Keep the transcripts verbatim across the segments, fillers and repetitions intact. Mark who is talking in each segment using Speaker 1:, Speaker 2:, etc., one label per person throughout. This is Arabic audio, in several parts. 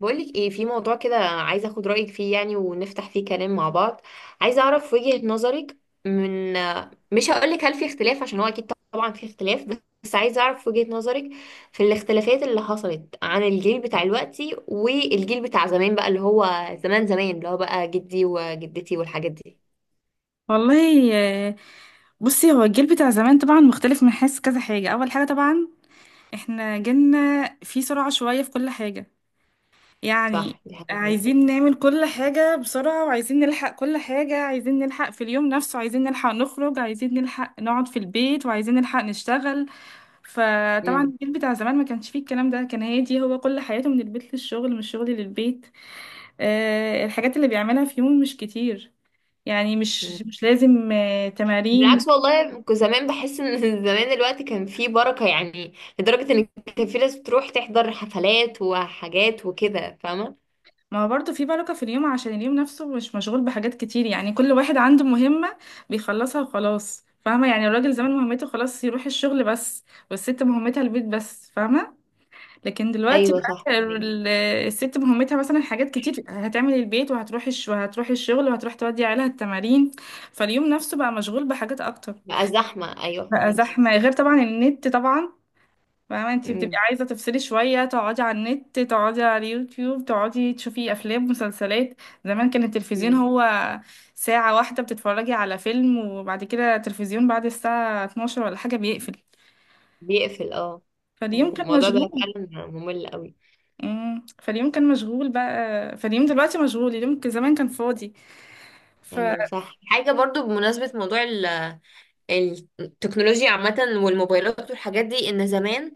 Speaker 1: بقولك ايه في موضوع كده، عايزه اخد رايك فيه يعني ونفتح فيه كلام مع بعض. عايزه اعرف وجهة نظرك. من مش هقولك هل في اختلاف، عشان هو اكيد طبعا في اختلاف، بس عايزه اعرف وجهة نظرك في الاختلافات اللي حصلت عن الجيل بتاع دلوقتي والجيل بتاع زمان، بقى اللي هو زمان زمان اللي هو بقى جدي وجدتي والحاجات دي.
Speaker 2: والله آه، بصي هو الجيل بتاع زمان طبعا مختلف من حيث كذا حاجة. أول حاجة طبعا احنا جيلنا في سرعة شوية في كل حاجة، يعني
Speaker 1: صح، دي حاجه.
Speaker 2: عايزين نعمل كل حاجة بسرعة، وعايزين نلحق كل حاجة، عايزين نلحق في اليوم نفسه، عايزين نلحق نخرج، عايزين نلحق نقعد في البيت، وعايزين نلحق نشتغل. فطبعا الجيل بتاع زمان ما كانش فيه الكلام ده، كان هادي، هو كل حياته من البيت للشغل من الشغل للبيت. آه، الحاجات اللي بيعملها في يوم مش كتير، يعني
Speaker 1: هي
Speaker 2: مش مش لازم آه، تمارين.
Speaker 1: بالعكس، والله كنت زمان بحس ان زمان الوقت كان فيه بركة، يعني لدرجة ان كان في ناس بتروح تحضر حفلات وحاجات وكده، فاهمة؟
Speaker 2: ما هو برضه في بركة في اليوم عشان اليوم نفسه مش مشغول بحاجات كتير، يعني كل واحد عنده مهمة بيخلصها وخلاص. فاهمة، يعني الراجل زمان مهمته خلاص يروح الشغل بس، والست مهمتها البيت بس. فاهمة. لكن دلوقتي
Speaker 1: ايوه صح،
Speaker 2: بقى
Speaker 1: فهميكي.
Speaker 2: ال- الست مهمتها مثلا حاجات كتير، هتعمل البيت، وهتروح الش... وهتروح الشغل، وهتروح تودي عيالها التمارين. فاليوم نفسه بقى مشغول بحاجات أكتر.
Speaker 1: بقى زحمة، ايوه
Speaker 2: بقى
Speaker 1: فهميكي.
Speaker 2: زحمة، غير طبعا النت طبعا. فاهمة، انتي بتبقي
Speaker 1: امم
Speaker 2: عايزة تفصلي شوية، تقعدي على النت، تقعدي على اليوتيوب، تقعدي تشوفي أفلام مسلسلات. زمان كان التلفزيون
Speaker 1: أمم.
Speaker 2: هو ساعة واحدة بتتفرجي على فيلم، وبعد كده التلفزيون بعد الساعة اتناشر ولا حاجة بيقفل.
Speaker 1: بيقفل، اه.
Speaker 2: فاليوم
Speaker 1: ايوه
Speaker 2: كان
Speaker 1: الموضوع ده
Speaker 2: مشغول.
Speaker 1: فعلا ممل قوي.
Speaker 2: امم، فاليوم كان مشغول بقى، فاليوم دلوقتي مشغول، اليوم كان- زمان كان فاضي. ف
Speaker 1: ايوه صح، حاجة برضو بمناسبة موضوع ال- التكنولوجيا عامة والموبايلات والحاجات دي، ان زمان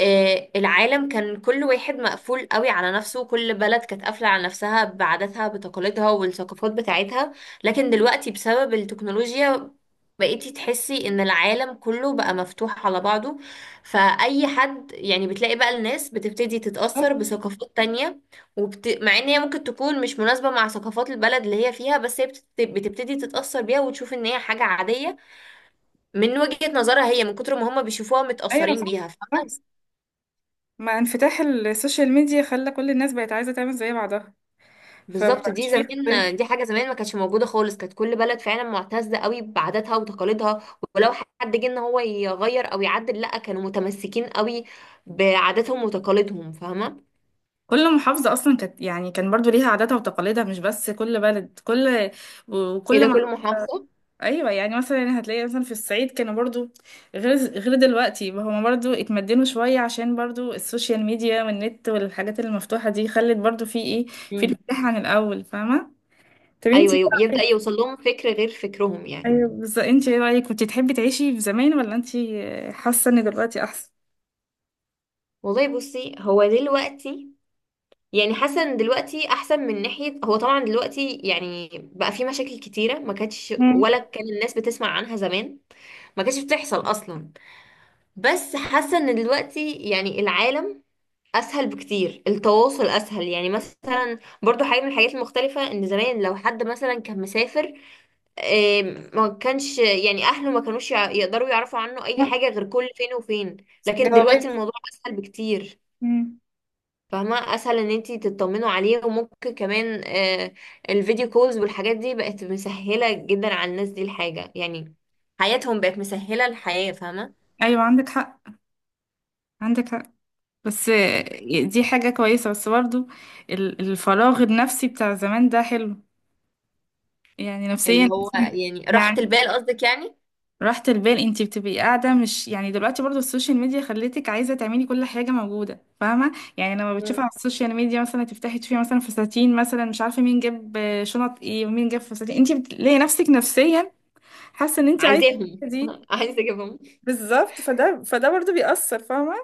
Speaker 1: آه، العالم كان كل واحد مقفول قوي على نفسه، كل بلد كانت قافلة على نفسها بعاداتها بتقاليدها والثقافات بتاعتها. لكن دلوقتي بسبب التكنولوجيا بقيتي تحسي ان العالم كله بقى مفتوح على بعضه، فأي حد يعني بتلاقي بقى الناس بتبتدي تتأثر بثقافات تانية. وبت... مع ان هي ممكن تكون مش مناسبة مع ثقافات البلد اللي هي فيها، بس هي بت... بتبتدي تتأثر بيها وتشوف ان هي حاجة عادية من وجهة نظرها، هي من كتر ما هم بيشوفوها
Speaker 2: ايوه
Speaker 1: متأثرين
Speaker 2: صح.
Speaker 1: بيها.
Speaker 2: صح. مع انفتاح السوشيال ميديا خلى كل الناس بقت عايزة تعمل زي بعضها،
Speaker 1: بالظبط، دي
Speaker 2: فمبقاش فيه اختلاف.
Speaker 1: زمان دي حاجه زمان ما كانتش موجوده خالص، كانت كل بلد فعلا معتزه قوي بعاداتها وتقاليدها، ولو حد جه ان هو يغير او يعدل لا، كانوا متمسكين قوي بعاداتهم وتقاليدهم، فاهمه؟
Speaker 2: كل محافظة أصلا كانت يعني كان برضو ليها عاداتها وتقاليدها، مش بس كل بلد، كل
Speaker 1: ايه
Speaker 2: وكل
Speaker 1: ده،
Speaker 2: ما...
Speaker 1: كل محافظه؟
Speaker 2: أيوة، يعني مثلا يعني هتلاقي مثلا في الصعيد كانوا برضو غير غير دلوقتي، هما برضو اتمدنوا شوية عشان برضو السوشيال ميديا والنت والحاجات المفتوحة دي خلت برضو في ايه، في
Speaker 1: امم،
Speaker 2: انفتاح عن الأول. فاهمة. طب انتي
Speaker 1: ايوه
Speaker 2: إيه
Speaker 1: يب- يبدا
Speaker 2: رأيك؟
Speaker 1: يوصل لهم فكر غير فكرهم يعني.
Speaker 2: أيوة، بس انتي ايه رأيك، كنتي تحبي تعيشي في زمان، ولا انتي حاسة ان دلوقتي أحسن؟
Speaker 1: والله بصي، هو دلوقتي يعني حسن، دلوقتي احسن من ناحيه، هو طبعا دلوقتي يعني بقى في مشاكل كتيره ما كانتش،
Speaker 2: مم.
Speaker 1: ولا كان الناس بتسمع عنها زمان، ما كانتش بتحصل اصلا. بس حاسه ان دلوقتي يعني العالم اسهل بكتير، التواصل اسهل. يعني مثلا برضو حاجه من الحاجات المختلفه، ان زمان لو حد مثلا كان مسافر آم، ما كانش يعني اهله ما كانوش يع- يقدروا يعرفوا عنه اي حاجه غير كل فين وفين، لكن دلوقتي
Speaker 2: جوابات.
Speaker 1: الموضوع اسهل بكتير.
Speaker 2: مم.
Speaker 1: فاهمه؟ اسهل ان انتي تطمنوا عليه، وممكن كمان آه، الفيديو كولز والحاجات دي بقت مسهله جدا على الناس دي الحاجه، يعني حياتهم بقت مسهله الحياه، فاهمه؟
Speaker 2: أيوة عندك حق. عندك حق. بس دي حاجة كويسة، بس برضو ال- الفراغ النفسي بتاع زمان ده حلو، يعني
Speaker 1: اللي
Speaker 2: نفسيا
Speaker 1: هو يعني راحة
Speaker 2: يعني
Speaker 1: البال قصدك يعني.
Speaker 2: راحة البال، انتي بتبقي قاعدة، مش يعني دلوقتي برضو السوشيال ميديا خلتك عايزة تعملي كل حاجة موجودة. فاهمة، يعني لما بتشوفي
Speaker 1: مم.
Speaker 2: على السوشيال ميديا مثلا، تفتحي تشوفي مثلا فساتين، مثلا مش عارفة مين جاب شنط ايه ومين جاب فساتين، انتي بتلاقي نفسك نفسيا حاسة ان انتي عايزة
Speaker 1: عايزاهم
Speaker 2: دي.
Speaker 1: عايزة اجيبهم.
Speaker 2: بالظبط. فده فده برضو بيأثر. فاهمة،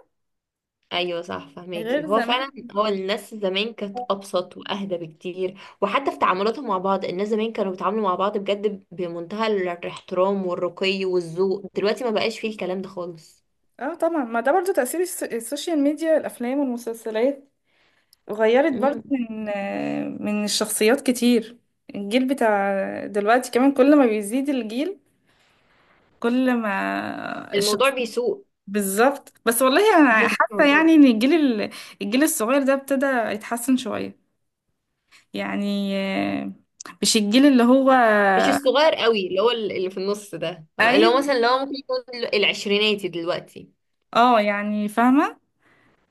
Speaker 1: ايوه صح، فهماكي.
Speaker 2: غير
Speaker 1: هو
Speaker 2: زمان.
Speaker 1: فعلا هو الناس زمان كانت ابسط واهدى بكتير، وحتى في تعاملاتهم مع بعض الناس زمان كانوا بيتعاملوا مع بعض بجد بمنتهى الاحترام والرقي والذوق، دلوقتي ما بقاش فيه الكلام ده خالص.
Speaker 2: اه طبعا، ما ده برضو تأثير الس- السوشيال ميديا، الأفلام والمسلسلات غيرت برضو
Speaker 1: مم.
Speaker 2: من آه، من الشخصيات كتير. الجيل بتاع دلوقتي كمان كل ما بيزيد الجيل، كل ما
Speaker 1: الموضوع
Speaker 2: الشخص...
Speaker 1: بيسوء.
Speaker 2: بالظبط. بس والله أنا حاسة
Speaker 1: ايوه،
Speaker 2: يعني إن الجيل ال- الجيل الصغير ده ابتدى يتحسن شوية، يعني آه، مش الجيل اللي هو...
Speaker 1: مش الصغير قوي، اللي هو ال- اللي في النص ده، اللي هو
Speaker 2: أيوه.
Speaker 1: مثلا اللي هو ممكن يكون ال- العشريناتي دلوقتي.
Speaker 2: اه يعني فاهمة.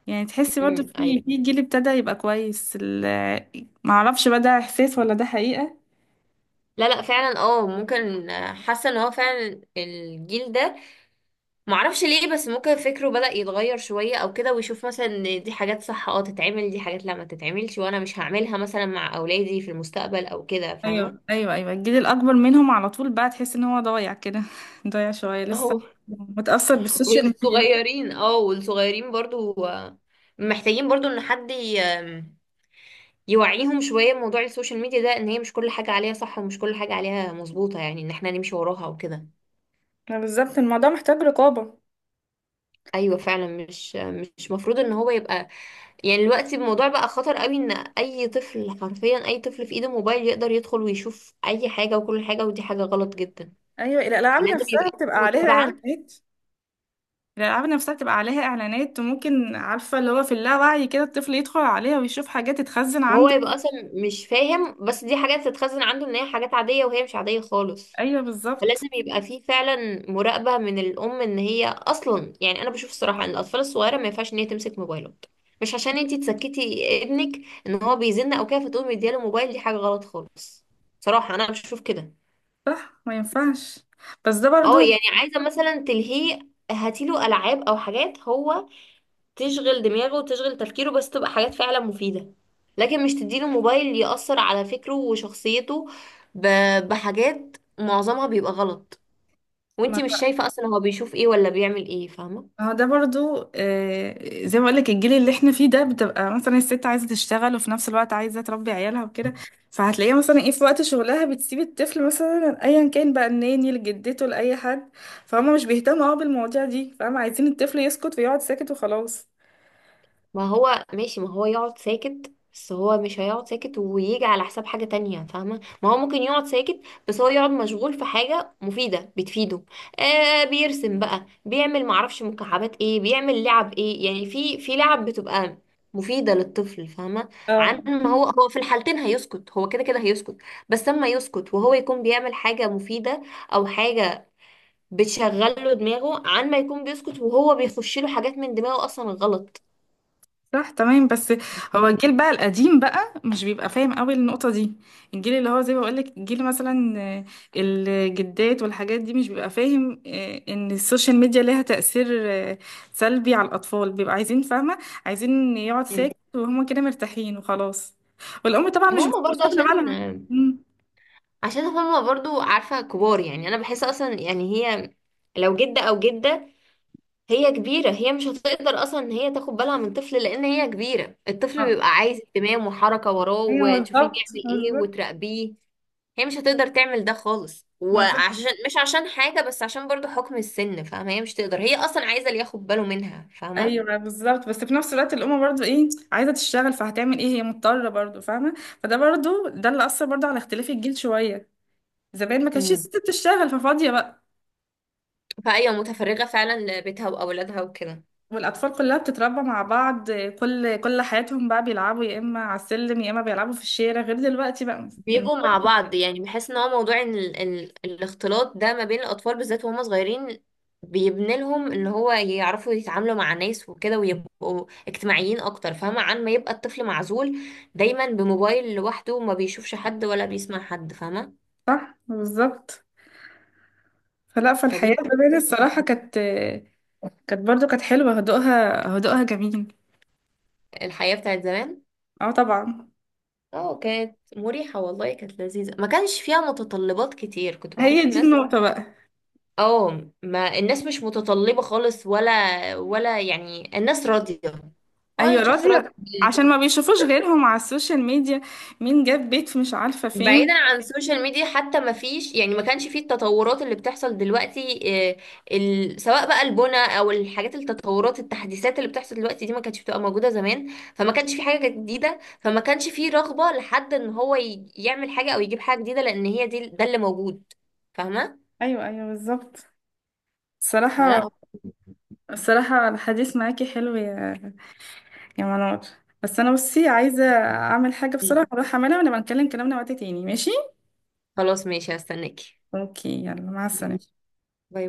Speaker 2: يعني تحسي برضو
Speaker 1: امم
Speaker 2: في
Speaker 1: ايوه.
Speaker 2: في جيل ابتدى يبقى كويس. ال- معرفش بقى ده إحساس ولا ده حقيقة.
Speaker 1: لا لا فعلا، اه ممكن، آه، حاسه ان هو فعلا الجيل ده معرفش ليه، بس ممكن فكره بدأ يتغير شوية او كده، ويشوف مثلا ان دي حاجات صح اه تتعمل، دي حاجات لا ما تتعملش وانا مش هعملها مثلا مع اولادي في المستقبل او كده،
Speaker 2: ايوه
Speaker 1: فاهمة؟
Speaker 2: ايوه ايوه الجيل الاكبر منهم على طول بقى تحس ان هو ضايع كده ضايع شويه لسه
Speaker 1: اهو.
Speaker 2: متاثر بالسوشيال ميديا
Speaker 1: والصغيرين اه، والصغيرين برضو آه، محتاجين برضو ان حد ي- آم، يوعيهم شوية موضوع السوشيال ميديا ده، ان هي مش كل حاجة عليها صح ومش كل حاجة عليها مظبوطة، يعني ان احنا نمشي وراها وكده.
Speaker 2: ما بالظبط الموضوع محتاج رقابه
Speaker 1: ايوه فعلا، مش مش مفروض ان هو يبقى، يعني دلوقتي الموضوع بقى خطر قوي، ان اي طفل حرفيا اي طفل في ايده موبايل يقدر يدخل ويشوف اي حاجه وكل حاجه، ودي حاجه غلط جدا.
Speaker 2: ايوه الالعاب
Speaker 1: لازم يبقى
Speaker 2: نفسها بتبقى
Speaker 1: عنده
Speaker 2: عليها
Speaker 1: متابعه.
Speaker 2: اعلانات الالعاب نفسها بتبقى عليها اعلانات وممكن عارفه اللي هو في اللاوعي كده الطفل يدخل عليها ويشوف حاجات تتخزن
Speaker 1: وهو
Speaker 2: عنده
Speaker 1: يبقى اصلا مش فاهم، بس دي حاجات تتخزن عنده ان هي حاجات عاديه وهي مش عاديه خالص.
Speaker 2: ايوه بالظبط
Speaker 1: فلازم يبقى فيه فعلا مراقبه من الام، ان هي اصلا يعني انا بشوف الصراحه ان الاطفال الصغيره ما ينفعش ان هي تمسك موبايلات. مش عشان انتي تسكتي ابنك ان هو بيزن او كده فتقومي مدياله موبايل، دي حاجه غلط خالص، صراحه انا بشوف كده.
Speaker 2: صح ما ينفعش بس ده
Speaker 1: اه
Speaker 2: برضو
Speaker 1: يعني عايزة مثلا تلهيه، هاتيله ألعاب أو حاجات هو تشغل دماغه وتشغل تفكيره، بس تبقى حاجات فعلا مفيدة، لكن مش تديله موبايل يأثر على فكره وشخصيته ب- بحاجات معظمها بيبقى غلط، وانتي مش شايفة أصلا هو بيشوف ايه ولا بيعمل ايه، فاهمة؟
Speaker 2: ما هو ده برضو آه، زي ما بقولك الجيل اللي احنا فيه ده بتبقى مثلا الست عايزة تشتغل وفي نفس الوقت عايزة تربي عيالها وكده فهتلاقيها مثلا ايه في وقت شغلها بتسيب الطفل مثلا ايا كان بقى الناني لجدته لأي حد فهم مش بيهتموا اه بالمواضيع دي فهم عايزين الطفل يسكت ويقعد ساكت وخلاص
Speaker 1: ما هو ماشي، ما هو يقعد ساكت، بس هو مش هيقعد ساكت ويجي على حساب حاجة تانية، فاهمة؟ ما هو ممكن يقعد ساكت بس هو يقعد مشغول في حاجة مفيدة بتفيده. آه بيرسم بقى، بيعمل معرفش مكعبات ايه، بيعمل لعب ايه، يعني في في لعب بتبقى مفيدة للطفل، فاهمة؟ عن
Speaker 2: اه
Speaker 1: ما هو هو في الحالتين هيسكت، هو كده كده هيسكت، بس اما يسكت وهو يكون بيعمل حاجة مفيدة او حاجة بتشغله دماغه، عن ما يكون بيسكت وهو بيخش له حاجات من دماغه اصلا غلط.
Speaker 2: صح تمام بس هو الجيل بقى القديم بقى مش بيبقى فاهم قوي النقطة دي الجيل اللي هو زي ما بقولك الجيل مثلا آه، الجدات والحاجات دي مش بيبقى فاهم آه، ان السوشيال ميديا ليها تأثير آه، سلبي على الأطفال بيبقى عايزين فاهمة عايزين يقعد ساكت وهما كده مرتاحين وخلاص والأم طبعا
Speaker 1: ما
Speaker 2: مش
Speaker 1: هم
Speaker 2: بتبقى
Speaker 1: برضه
Speaker 2: شاغلة
Speaker 1: عشان،
Speaker 2: بالها مم.
Speaker 1: عشان هم برضه عارفة كبار، يعني أنا بحس أصلا يعني هي لو جدة أو جدة هي كبيرة، هي مش هتقدر أصلا إن هي تاخد بالها من طفل، لأن هي كبيرة، الطفل
Speaker 2: آه.
Speaker 1: بيبقى عايز اهتمام وحركة وراه
Speaker 2: ايوه
Speaker 1: وتشوفيه
Speaker 2: بالظبط
Speaker 1: بيعمل إيه وتراقبيه. هي مش هتقدر تعمل ده خالص،
Speaker 2: بالظبط
Speaker 1: وعشان مش عشان حاجة بس عشان برضه حكم السن، فاهمة؟ هي مش تقدر، هي أصلا عايزة اللي ياخد باله منها، فاهمة؟
Speaker 2: ايوه بالظبط بس في نفس الوقت الام برضو ايه عايزه تشتغل فهتعمل ايه هي مضطره برضو فاهمه فده برضو ده اللي اثر برضو على اختلاف الجيل شويه زمان ما كانتش
Speaker 1: امم.
Speaker 2: الست بتشتغل ففاضيه بقى
Speaker 1: فأيوة متفرغة فعلا لبيتها وأولادها وكده.
Speaker 2: والاطفال كلها بتتربى مع بعض كل كل حياتهم بقى بيلعبوا يا اما على السلم، يا اما بيلعبوا في الشارع، غير دلوقتي بقى
Speaker 1: بيبقوا
Speaker 2: الموبايل.
Speaker 1: مع بعض، يعني بحس ان هو موضوع إن ال... ال... الاختلاط ده ما بين الاطفال بالذات وهم صغيرين بيبني لهم ان هو يعرفوا يتعاملوا مع ناس وكده ويبقوا اجتماعيين اكتر، فاهمة؟ عن ما يبقى الطفل معزول دايما بموبايل لوحده وما بيشوفش حد ولا بيسمع حد، فاهمة؟
Speaker 2: صح بالظبط. فلا،
Speaker 1: فدي
Speaker 2: فالحياه
Speaker 1: برضه
Speaker 2: زمان
Speaker 1: كانت
Speaker 2: الصراحه كانت، كانت برضو، كانت حلوه، هدوءها، هدوءها جميل.
Speaker 1: الحياة بتاعت زمان.
Speaker 2: اه طبعا.
Speaker 1: اه كانت مريحة، والله كانت لذيذة، ما كانش فيها متطلبات كتير، كنت
Speaker 2: هي
Speaker 1: بحس
Speaker 2: دي
Speaker 1: الناس
Speaker 2: النقطه بقى.
Speaker 1: اه، ما الناس مش متطلبة خالص، ولا ولا يعني الناس راضية، ولا
Speaker 2: ايوه
Speaker 1: الشخص راضي.
Speaker 2: راضية، عشان ما بيشوفوش غيرهم على السوشيال ميديا، مين جاب بيت في مش عارفة فين.
Speaker 1: بعيدا عن السوشيال ميديا حتى، ما فيش يعني ما كانش فيه التطورات اللي بتحصل دلوقتي، آه، ال... سواء بقى البنى او الحاجات، التطورات التحديثات اللي بتحصل دلوقتي دي ما كانتش بتبقى موجودة زمان، فما كانش في حاجة جديدة، فما كانش فيه رغبة لحد ان هو ي... يعمل حاجة او يجيب حاجة جديدة، لان هي دي ده اللي موجود، فاهمة؟
Speaker 2: ايوه، ايوه بالظبط.
Speaker 1: فلا هو-
Speaker 2: الصراحة، الصراحة الحديث معاكي حلو يا يا منار، بس انا بصي عايزة اعمل حاجة بسرعة، اروح اعملها، ونبقى نتكلم كلامنا وقت تاني ماشي.
Speaker 1: خلاص ماشي، هستناكي.
Speaker 2: اوكي، يلا مع
Speaker 1: ماشي،
Speaker 2: السلامة.
Speaker 1: باي.